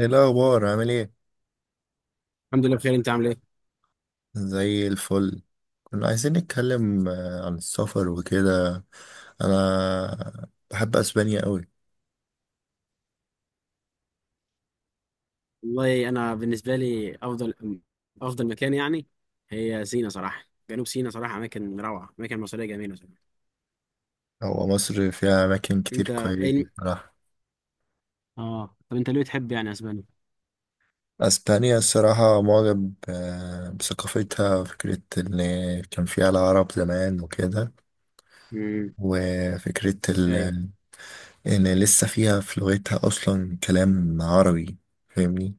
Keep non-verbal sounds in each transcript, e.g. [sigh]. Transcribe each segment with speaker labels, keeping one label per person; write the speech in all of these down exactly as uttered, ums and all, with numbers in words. Speaker 1: ايه الاخبار؟ عامل ايه؟
Speaker 2: الحمد لله بخير، انت عامل ايه؟
Speaker 1: زي الفل. كنا عايزين نتكلم آه، عن السفر وكده. انا بحب اسبانيا قوي.
Speaker 2: والله انا بالنسبه لي افضل افضل مكان يعني، هي سينا صراحه، جنوب سينا صراحه. اماكن روعه، اماكن مصريه جميله صراحه.
Speaker 1: هو مصر فيها اماكن كتير
Speaker 2: انت ايه
Speaker 1: كويسه
Speaker 2: الم-
Speaker 1: بصراحه.
Speaker 2: اه، طب انت ليه تحب يعني اسبانيا؟
Speaker 1: اسبانيا الصراحه معجب آه، بثقافتها. فكره ان كان فيها العرب زمان وكده،
Speaker 2: امم.
Speaker 1: وفكره ال...
Speaker 2: ايوه.
Speaker 1: ان لسه فيها في لغتها اصلا كلام عربي. فاهمني؟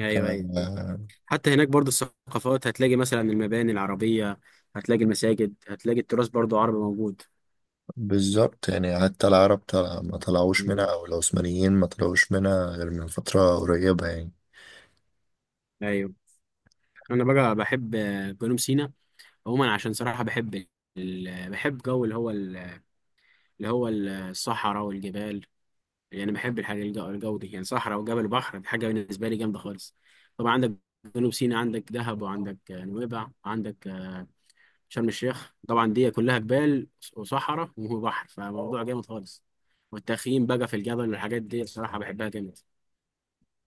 Speaker 2: ايوه، ايوه.
Speaker 1: آه،
Speaker 2: حتى هناك برضو الثقافات، هتلاقي مثلا المباني العربيه، هتلاقي المساجد، هتلاقي التراث برضو عربي موجود.
Speaker 1: بالظبط يعني حتى العرب طلع ما طلعوش منها
Speaker 2: امم.
Speaker 1: او العثمانيين ما طلعوش منها غير من فترة قريبة يعني.
Speaker 2: ايوه. انا بقى بحب آه، جنوب سينا عموما، عشان صراحه بحب ال... بحب جو اللي هو ال... اللي هو الصحراء والجبال. يعني بحب الحاجة الج- الجو دي، يعني صحراء وجبل بحر، دي حاجة بالنسبة لي جامدة خالص. طبعا عندك جنوب سيناء، عندك دهب، وعندك آه، نويبع، وعندك آه، شرم الشيخ. طبعا دي كلها جبال وصحراء وبحر، فموضوع جامد خالص. والتخييم بقى في الجبل والحاجات دي الصراحة بحبها جامد.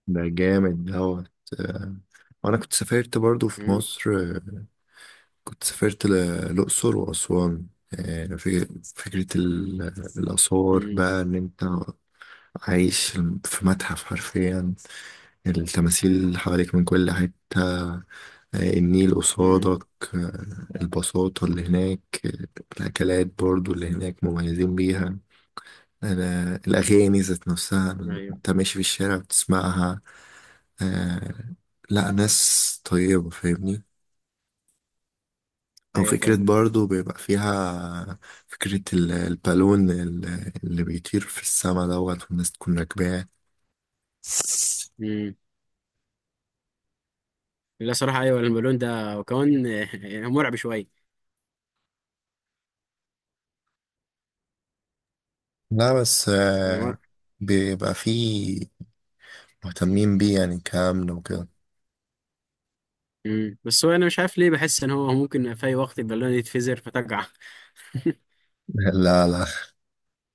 Speaker 1: ده جامد دوت. آه، وانا كنت سافرت برضو في
Speaker 2: مم.
Speaker 1: مصر، آه، كنت سافرت ل- الأقصر وأسوان. آه، في فكرة ال- الآثار،
Speaker 2: مم.
Speaker 1: بقى إن أنت عايش في متحف حرفيا. التماثيل حواليك من كل حتة. آه، النيل
Speaker 2: مم.
Speaker 1: قصادك. آه، البساطة اللي هناك. آه، الأكلات برضو اللي هناك مميزين بيها. أنا الأغاني ذات نفسها،
Speaker 2: ايوه،
Speaker 1: أنت ماشي في الشارع بتسمعها. آه، لا، ناس طيبة. فاهمني؟ أو
Speaker 2: ايوه،
Speaker 1: فكرة
Speaker 2: فاهم.
Speaker 1: برضو بيبقى فيها فكرة ال- البالون ال- اللي بيطير في السما دوت، والناس تكون راكباه.
Speaker 2: مم. لا صراحة، ايوه البالون ده، وكمان آه، [laughs] مرعب شوية.
Speaker 1: لا بس
Speaker 2: يعني مر...
Speaker 1: آه، بيبقى فيه مهتمين بيه يعني كأمن وكده.
Speaker 2: مم. بس هو انا مش عارف ليه بحس ان هو ممكن في اي وقت البالون يتفزر فتقع. [laughs]
Speaker 1: [laughs] لا لا،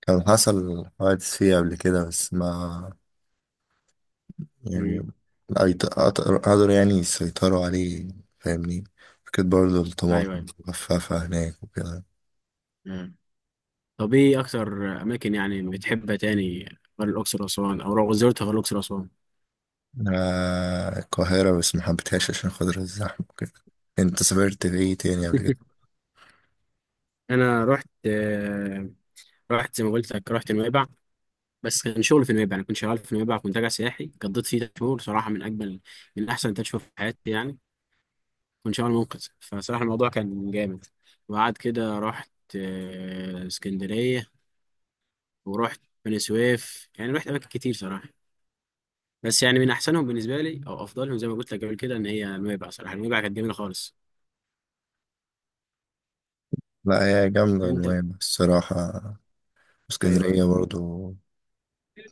Speaker 1: كان حصل حوادث فيه قبل كده بس ما يعني،
Speaker 2: مم.
Speaker 1: أيت- أقدر قدروا يعني يسيطروا عليه. فاهمني؟ فكرة برضه
Speaker 2: ايوه،
Speaker 1: الطماطم
Speaker 2: أيوة.
Speaker 1: مخففة هناك وكده.
Speaker 2: مم. طب ايه اكتر اماكن يعني بتحبها تاني غير الاقصر واسوان، او لو زرتها غير الاقصر واسوان؟
Speaker 1: آه، القاهرة بس ما حبيتهاش عشان خاطر الزحمة وكده. انت سافرت في ايه تاني قبل كده؟
Speaker 2: [laughs] انا رحت آه، رحت زي ما قلت لك، رحت نويبع. بس كان شغل في نويبع، انا كنت شغال في نويبع، كنت راجع سياحي، قضيت فيه ثلاث شهور صراحه. من اجمل من احسن ثلاث شهور في حياتي يعني. كنت شغال منقذ، فصراحه الموضوع كان جامد. وبعد كده رحت آه، اسكندريه، ورحت بني سويف، يعني رحت اماكن كتير صراحه. بس يعني من احسنهم بالنسبه لي، او افضلهم زي ما قلت لك قبل كده، ان هي نويبع صراحه. نويبع كانت جميله خالص.
Speaker 1: لا هي جامدة
Speaker 2: انت
Speaker 1: نويبع الصراحة.
Speaker 2: ايوه،
Speaker 1: اسكندرية
Speaker 2: ايوه.
Speaker 1: برضه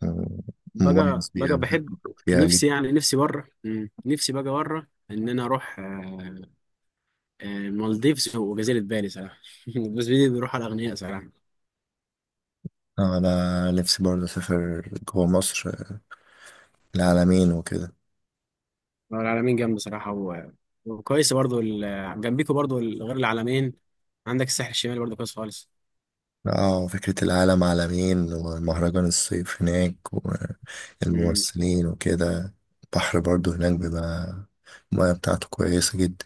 Speaker 1: آه،
Speaker 2: بقى
Speaker 1: مميز بيها،
Speaker 2: بقى بحب.
Speaker 1: بحب فيها.
Speaker 2: نفسي يعني، نفسي بره. مم. نفسي بقى بره ان انا اروح آه، آه، المالديفز وجزيره بالي صراحه. [laughs] بس بدي بروح على الاغنياء صراحه.
Speaker 1: اه انا نفسي برضه اسافر جوه مصر. آه، العلمين وكده.
Speaker 2: هو العلمين جنب صراحه، و... وكويس برضو، ال... جنبيكوا برضو ال- غير العلمين، عندك الساحل الشمالي برضو كويس خالص.
Speaker 1: اه، فكرة العالم عالمين ومهرجان الصيف هناك
Speaker 2: مم.
Speaker 1: والممثلين وكده. البحر برضه هناك بيبقى المياه بتاعته كويسة جدا.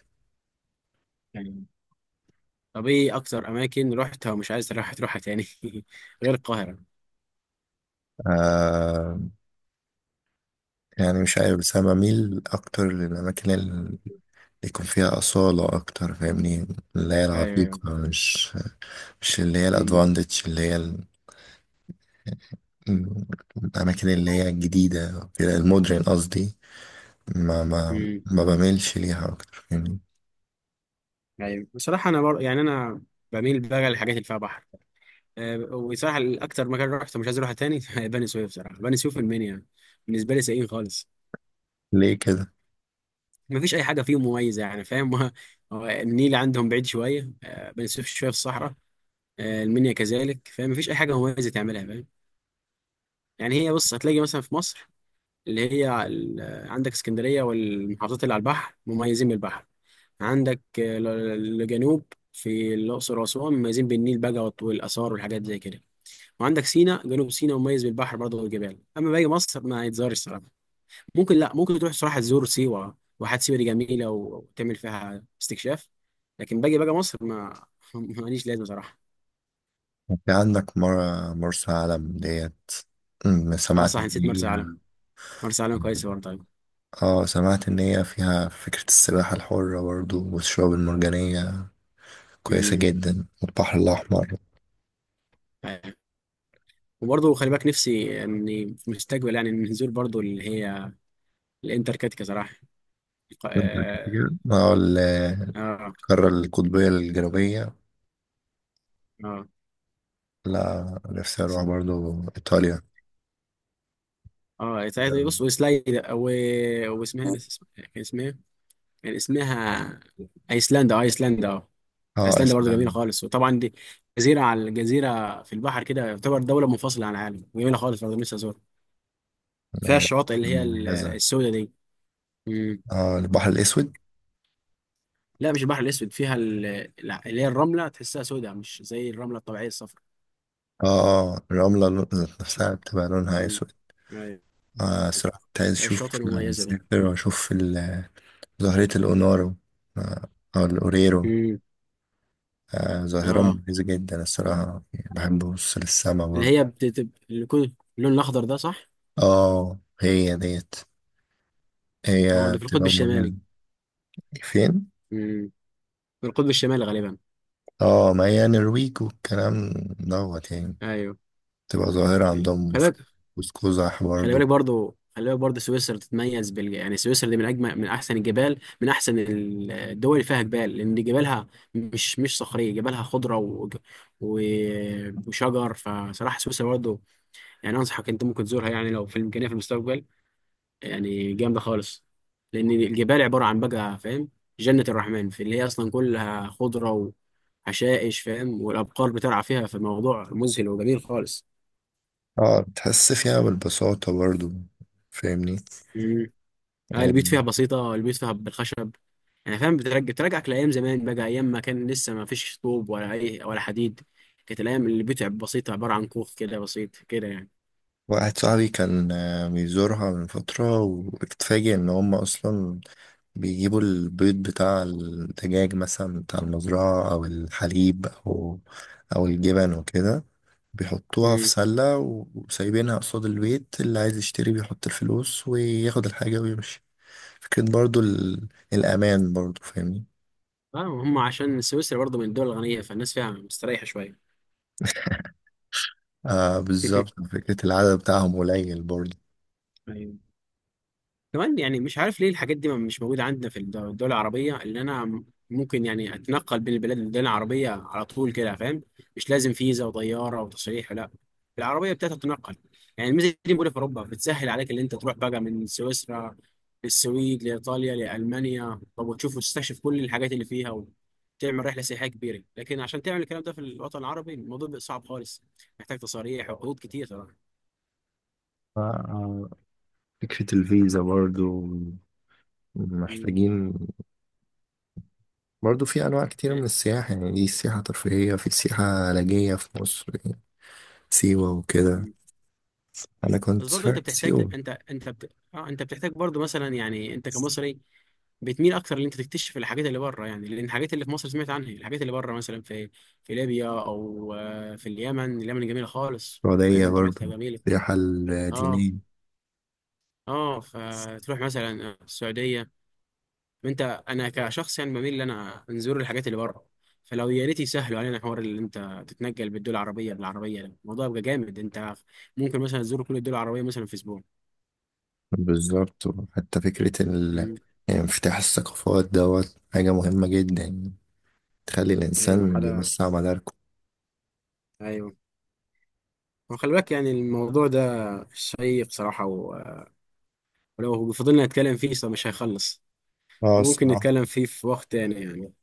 Speaker 2: يعني طب، ايه اكتر اماكن رحتها ومش عايز تروح تروحها تاني [laughs] غير القاهره؟
Speaker 1: آه يعني مش عارف، بس أنا بميل أكتر للأماكن اللي يكون فيها أصالة أكتر. فاهمني؟ اللي هي
Speaker 2: ايوه، ايوه.
Speaker 1: العتيقة، مش مش اللي هي
Speaker 2: مم.
Speaker 1: الأدفانتج اللي هي ال- الأماكن اللي هي الجديدة كده، المودرن قصدي، ما ما
Speaker 2: مم.
Speaker 1: ما بميلش ليها أكتر يعني.
Speaker 2: ايوه، بصراحه انا بر... يعني انا بميل بقى للحاجات اللي فيها بحر آه، وصراحة الأكتر مكان رحته مش عايز أروحه تاني [laughs] بني سويف، صراحة بني سويف المنيا بالنسبة لي سيئين خالص.
Speaker 1: ليه كده؟
Speaker 2: مفيش أي حاجة فيهم مميزة يعني، فاهم؟ [laughs] هو- هو النيل عندهم بعيد شوية آه، بني سويف شوية في الصحراء آه، المنيا كذلك، فاهم؟ مفيش أي حاجة مميزة تعملها، فاهم؟ يعني هي بص، هتلاقي مثلا في مصر اللي هي ال- آه، عندك اسكندرية والمحافظات اللي على البحر مميزين بالبحر. عندك آه، ال- الجنوب في الأقصر وأسوان مميزين بالنيل بقى والآثار والحاجات زي كده. وعندك سينا، جنوب سينا مميز بالبحر برضه والجبال. اما باقي مصر ما يتزارش الصراحه. ممكن، لا ممكن تروح صراحه تزور سيوه، واحات سيوه دي جميله و- وتعمل فيها استكشاف. لكن باجي بقى مصر ما [laughs] ماليش لازمه صراحه.
Speaker 1: في عندك مرة مرسى علم ديت. أمم،
Speaker 2: اه
Speaker 1: سمعت
Speaker 2: صح،
Speaker 1: إن
Speaker 2: نسيت
Speaker 1: هي،
Speaker 2: مرسى علم. مرسى علم كويسه برضه طيب.
Speaker 1: اه سمعت إن هي فيها فكرة السباحة الحرة برضو والشعاب المرجانية كويسة
Speaker 2: امم.
Speaker 1: جدا والبحر الأحمر.
Speaker 2: طيب. وبرضه خلي بالك، نفسي اني في المستقبل يعني نزور برضه اللي هي الانتاركتيكا صراحه.
Speaker 1: ممتع
Speaker 2: اه.
Speaker 1: كتير. اه، ال-
Speaker 2: اه.
Speaker 1: القارة القطبية الجنوبية.
Speaker 2: اه.
Speaker 1: لا نفسي أروح برضو إيطاليا.
Speaker 2: آه. بص وسلايد و... واسمها، نسيت اسمها. كان اسمها إيه؟ كان اسمها ايسلندا. اه، ايسلندا. اه.
Speaker 1: اه
Speaker 2: ايسلندا برضه جميله
Speaker 1: إسبانيا
Speaker 2: خالص، وطبعا دي جزيره، على الجزيره في البحر كده، يعتبر دوله منفصله عن العالم، جميله خالص، برضه نفسي ازورها. فيها
Speaker 1: مميزة،
Speaker 2: الشواطئ اللي هي ال-
Speaker 1: مميزة.
Speaker 2: السوداء دي. مم.
Speaker 1: اه البحر الأسود.
Speaker 2: لا، مش البحر الاسود، فيها ال- ال- اللي هي الرمله تحسها سوداء، مش زي الرمله الطبيعيه الصفراء.
Speaker 1: اه، اه الرملة لون-
Speaker 2: ش-
Speaker 1: نفسها بتبقى لونها
Speaker 2: مم.
Speaker 1: أسود.
Speaker 2: أيوة.
Speaker 1: آه الصراحة كنت عايز أشوف،
Speaker 2: الشواطئ المميزه دي.
Speaker 1: أسافر وأشوف ال- ظاهرة الأونارو، آه، أو الأوريرو.
Speaker 2: مم.
Speaker 1: آه ظاهرة
Speaker 2: اه،
Speaker 1: مميزة جدا الصراحة، يعني بحب أبص للسما
Speaker 2: اللي
Speaker 1: برضه.
Speaker 2: هي بتبقى اللون الاخضر ده، صح؟
Speaker 1: اه هي ديت،
Speaker 2: اه،
Speaker 1: هي
Speaker 2: ده في القطب
Speaker 1: بتبقى
Speaker 2: الشمالي.
Speaker 1: مميزة. فين؟
Speaker 2: مم. في القطب الشمالي غالبا.
Speaker 1: اه ما هي نرويج والكلام دوت يعني،
Speaker 2: ايوه،
Speaker 1: بتبقى ظاهرة
Speaker 2: أيوة.
Speaker 1: عندهم
Speaker 2: خلي
Speaker 1: في
Speaker 2: بالك.
Speaker 1: قوس قزح
Speaker 2: خلي
Speaker 1: برضه.
Speaker 2: بالك برضو، خلي بالك برضو سويسرا تتميز بال، يعني سويسرا دي من اجمل، من احسن الجبال، من احسن ال- الدول اللي فيها جبال، لان جبالها مش مش صخريه، جبالها خضره و... و... وشجر. فصراحه سويسرا برضو يعني انصحك، انت ممكن تزورها يعني لو في الامكانيه في المستقبل. يعني جامده خالص، لان الجبال عباره عن بقى، فاهم، جنه الرحمن، في اللي هي اصلا كلها خضره وحشائش، فاهم، والابقار بترعى فيها، فالموضوع مذهل وجميل خالص.
Speaker 1: اه بتحس فيها بالبساطة برضه. فاهمني؟
Speaker 2: لا، البيوت
Speaker 1: يعني
Speaker 2: فيها بسيطة، البيوت فيها بالخشب يعني، فاهم. بترجع، بترجعك لأيام زمان بقى، أيام ما كان لسه ما فيش طوب ولا أي ولا حديد. كانت الأيام اللي البيوت بسيطة، عبارة عن كوخ كده بسيط كده يعني.
Speaker 1: واحد صاحبي كان آه، بيزورها من فترة واتفاجئ إن هم أصلا بيجيبوا البيض بتاع الدجاج مثلا بتاع المزرعة أو الحليب أو أو الجبن وكده، بيحطوها في
Speaker 2: امم.
Speaker 1: سلة و- وسايبينها قصاد البيت، اللي عايز يشتري بيحط الفلوس وياخد الحاجة ويمشي. فكرة برضو ال... الأمان برضو. فاهمني؟
Speaker 2: اه هم، عشان سويسرا برضه من الدول الغنية، فالناس فيها مستريحة شوية.
Speaker 1: آه بالظبط، فكرة العدد بتاعهم قليل برضو.
Speaker 2: [laughs] كمان يعني مش عارف ليه الحاجات دي مش موجودة عندنا في الد- الدول العربية اللي أنا ممكن يعني أتنقل بين البلاد الدول العربية على طول كده، فاهم؟ مش لازم فيزا وطيارة وتصريح، لا، العربية بتاعتها تتنقل. يعني الميزة دي موجودة في أوروبا، بتسهل عليك اللي أنت تروح بقى من سويسرا للسويد لإيطاليا لألمانيا، طب وتشوف وتستكشف كل الحاجات اللي فيها وتعمل رحلة سياحية كبيرة. لكن عشان تعمل الكلام ده في الوطن العربي الموضوع بيبقى صعب خالص، محتاج تصاريح وعقود كتير طبعا.
Speaker 1: آه، آه، فكرة الفيزا برضو محتاجين. برضه في انواع كتير من السياحة، يعني دي سياحة ترفيهية، في سياحة علاجية في مصر، سيوة وكده.
Speaker 2: مم.
Speaker 1: انا
Speaker 2: بس
Speaker 1: كنت
Speaker 2: برضو انت
Speaker 1: سافرت
Speaker 2: بتحتاج
Speaker 1: سيوة.
Speaker 2: انت انت بت... اه انت بتحتاج برضو مثلا، يعني انت كمصري بتميل اكتر ان انت تكتشف الحاجات اللي بره يعني، لان الحاجات اللي في مصر سمعت عنها، الحاجات اللي بره مثلا في في ليبيا، او آه، في اليمن. اليمن جميله خالص.
Speaker 1: السعودية
Speaker 2: اليمن
Speaker 1: برضه
Speaker 2: طبيعتها جميله.
Speaker 1: السياحة
Speaker 2: اه.
Speaker 1: الدينية.
Speaker 2: اه، فتروح مثلا السعوديه. انت انا كشخص يعني بميل ان انا نزور الحاجات اللي بره. فلو يا ريت يسهلوا علينا، حوار اللي انت تتنقل بالدول العربيه بالعربيه، ده الموضوع يبقى جامد. انت ممكن مثلا تزور كل الدول العربيه مثلا في اسبوع.
Speaker 1: بالظبط. وحتى فكرة ال...
Speaker 2: مم.
Speaker 1: يعني انفتاح الثقافات دوت حاجة مهمة جدا، يعني تخلي
Speaker 2: ايوه
Speaker 1: الإنسان
Speaker 2: حدا.
Speaker 1: بيوسع مداركه.
Speaker 2: ايوه. وخلي بالك يعني الموضوع ده شيق صراحة، و- ولو فضلنا نتكلم فيه صراحة مش هيخلص.
Speaker 1: اه
Speaker 2: فممكن
Speaker 1: الصراحة.
Speaker 2: نتكلم فيه في وقت تاني يعني.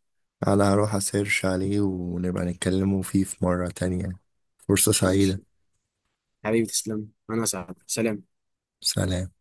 Speaker 1: أنا هروح أسيرش عليه ونبقى نتكلموا فيه في مرة تانية. فرصة سعيدة.
Speaker 2: ماشي. حبيبي تسلم. أنا سعد. سلام.
Speaker 1: سلام.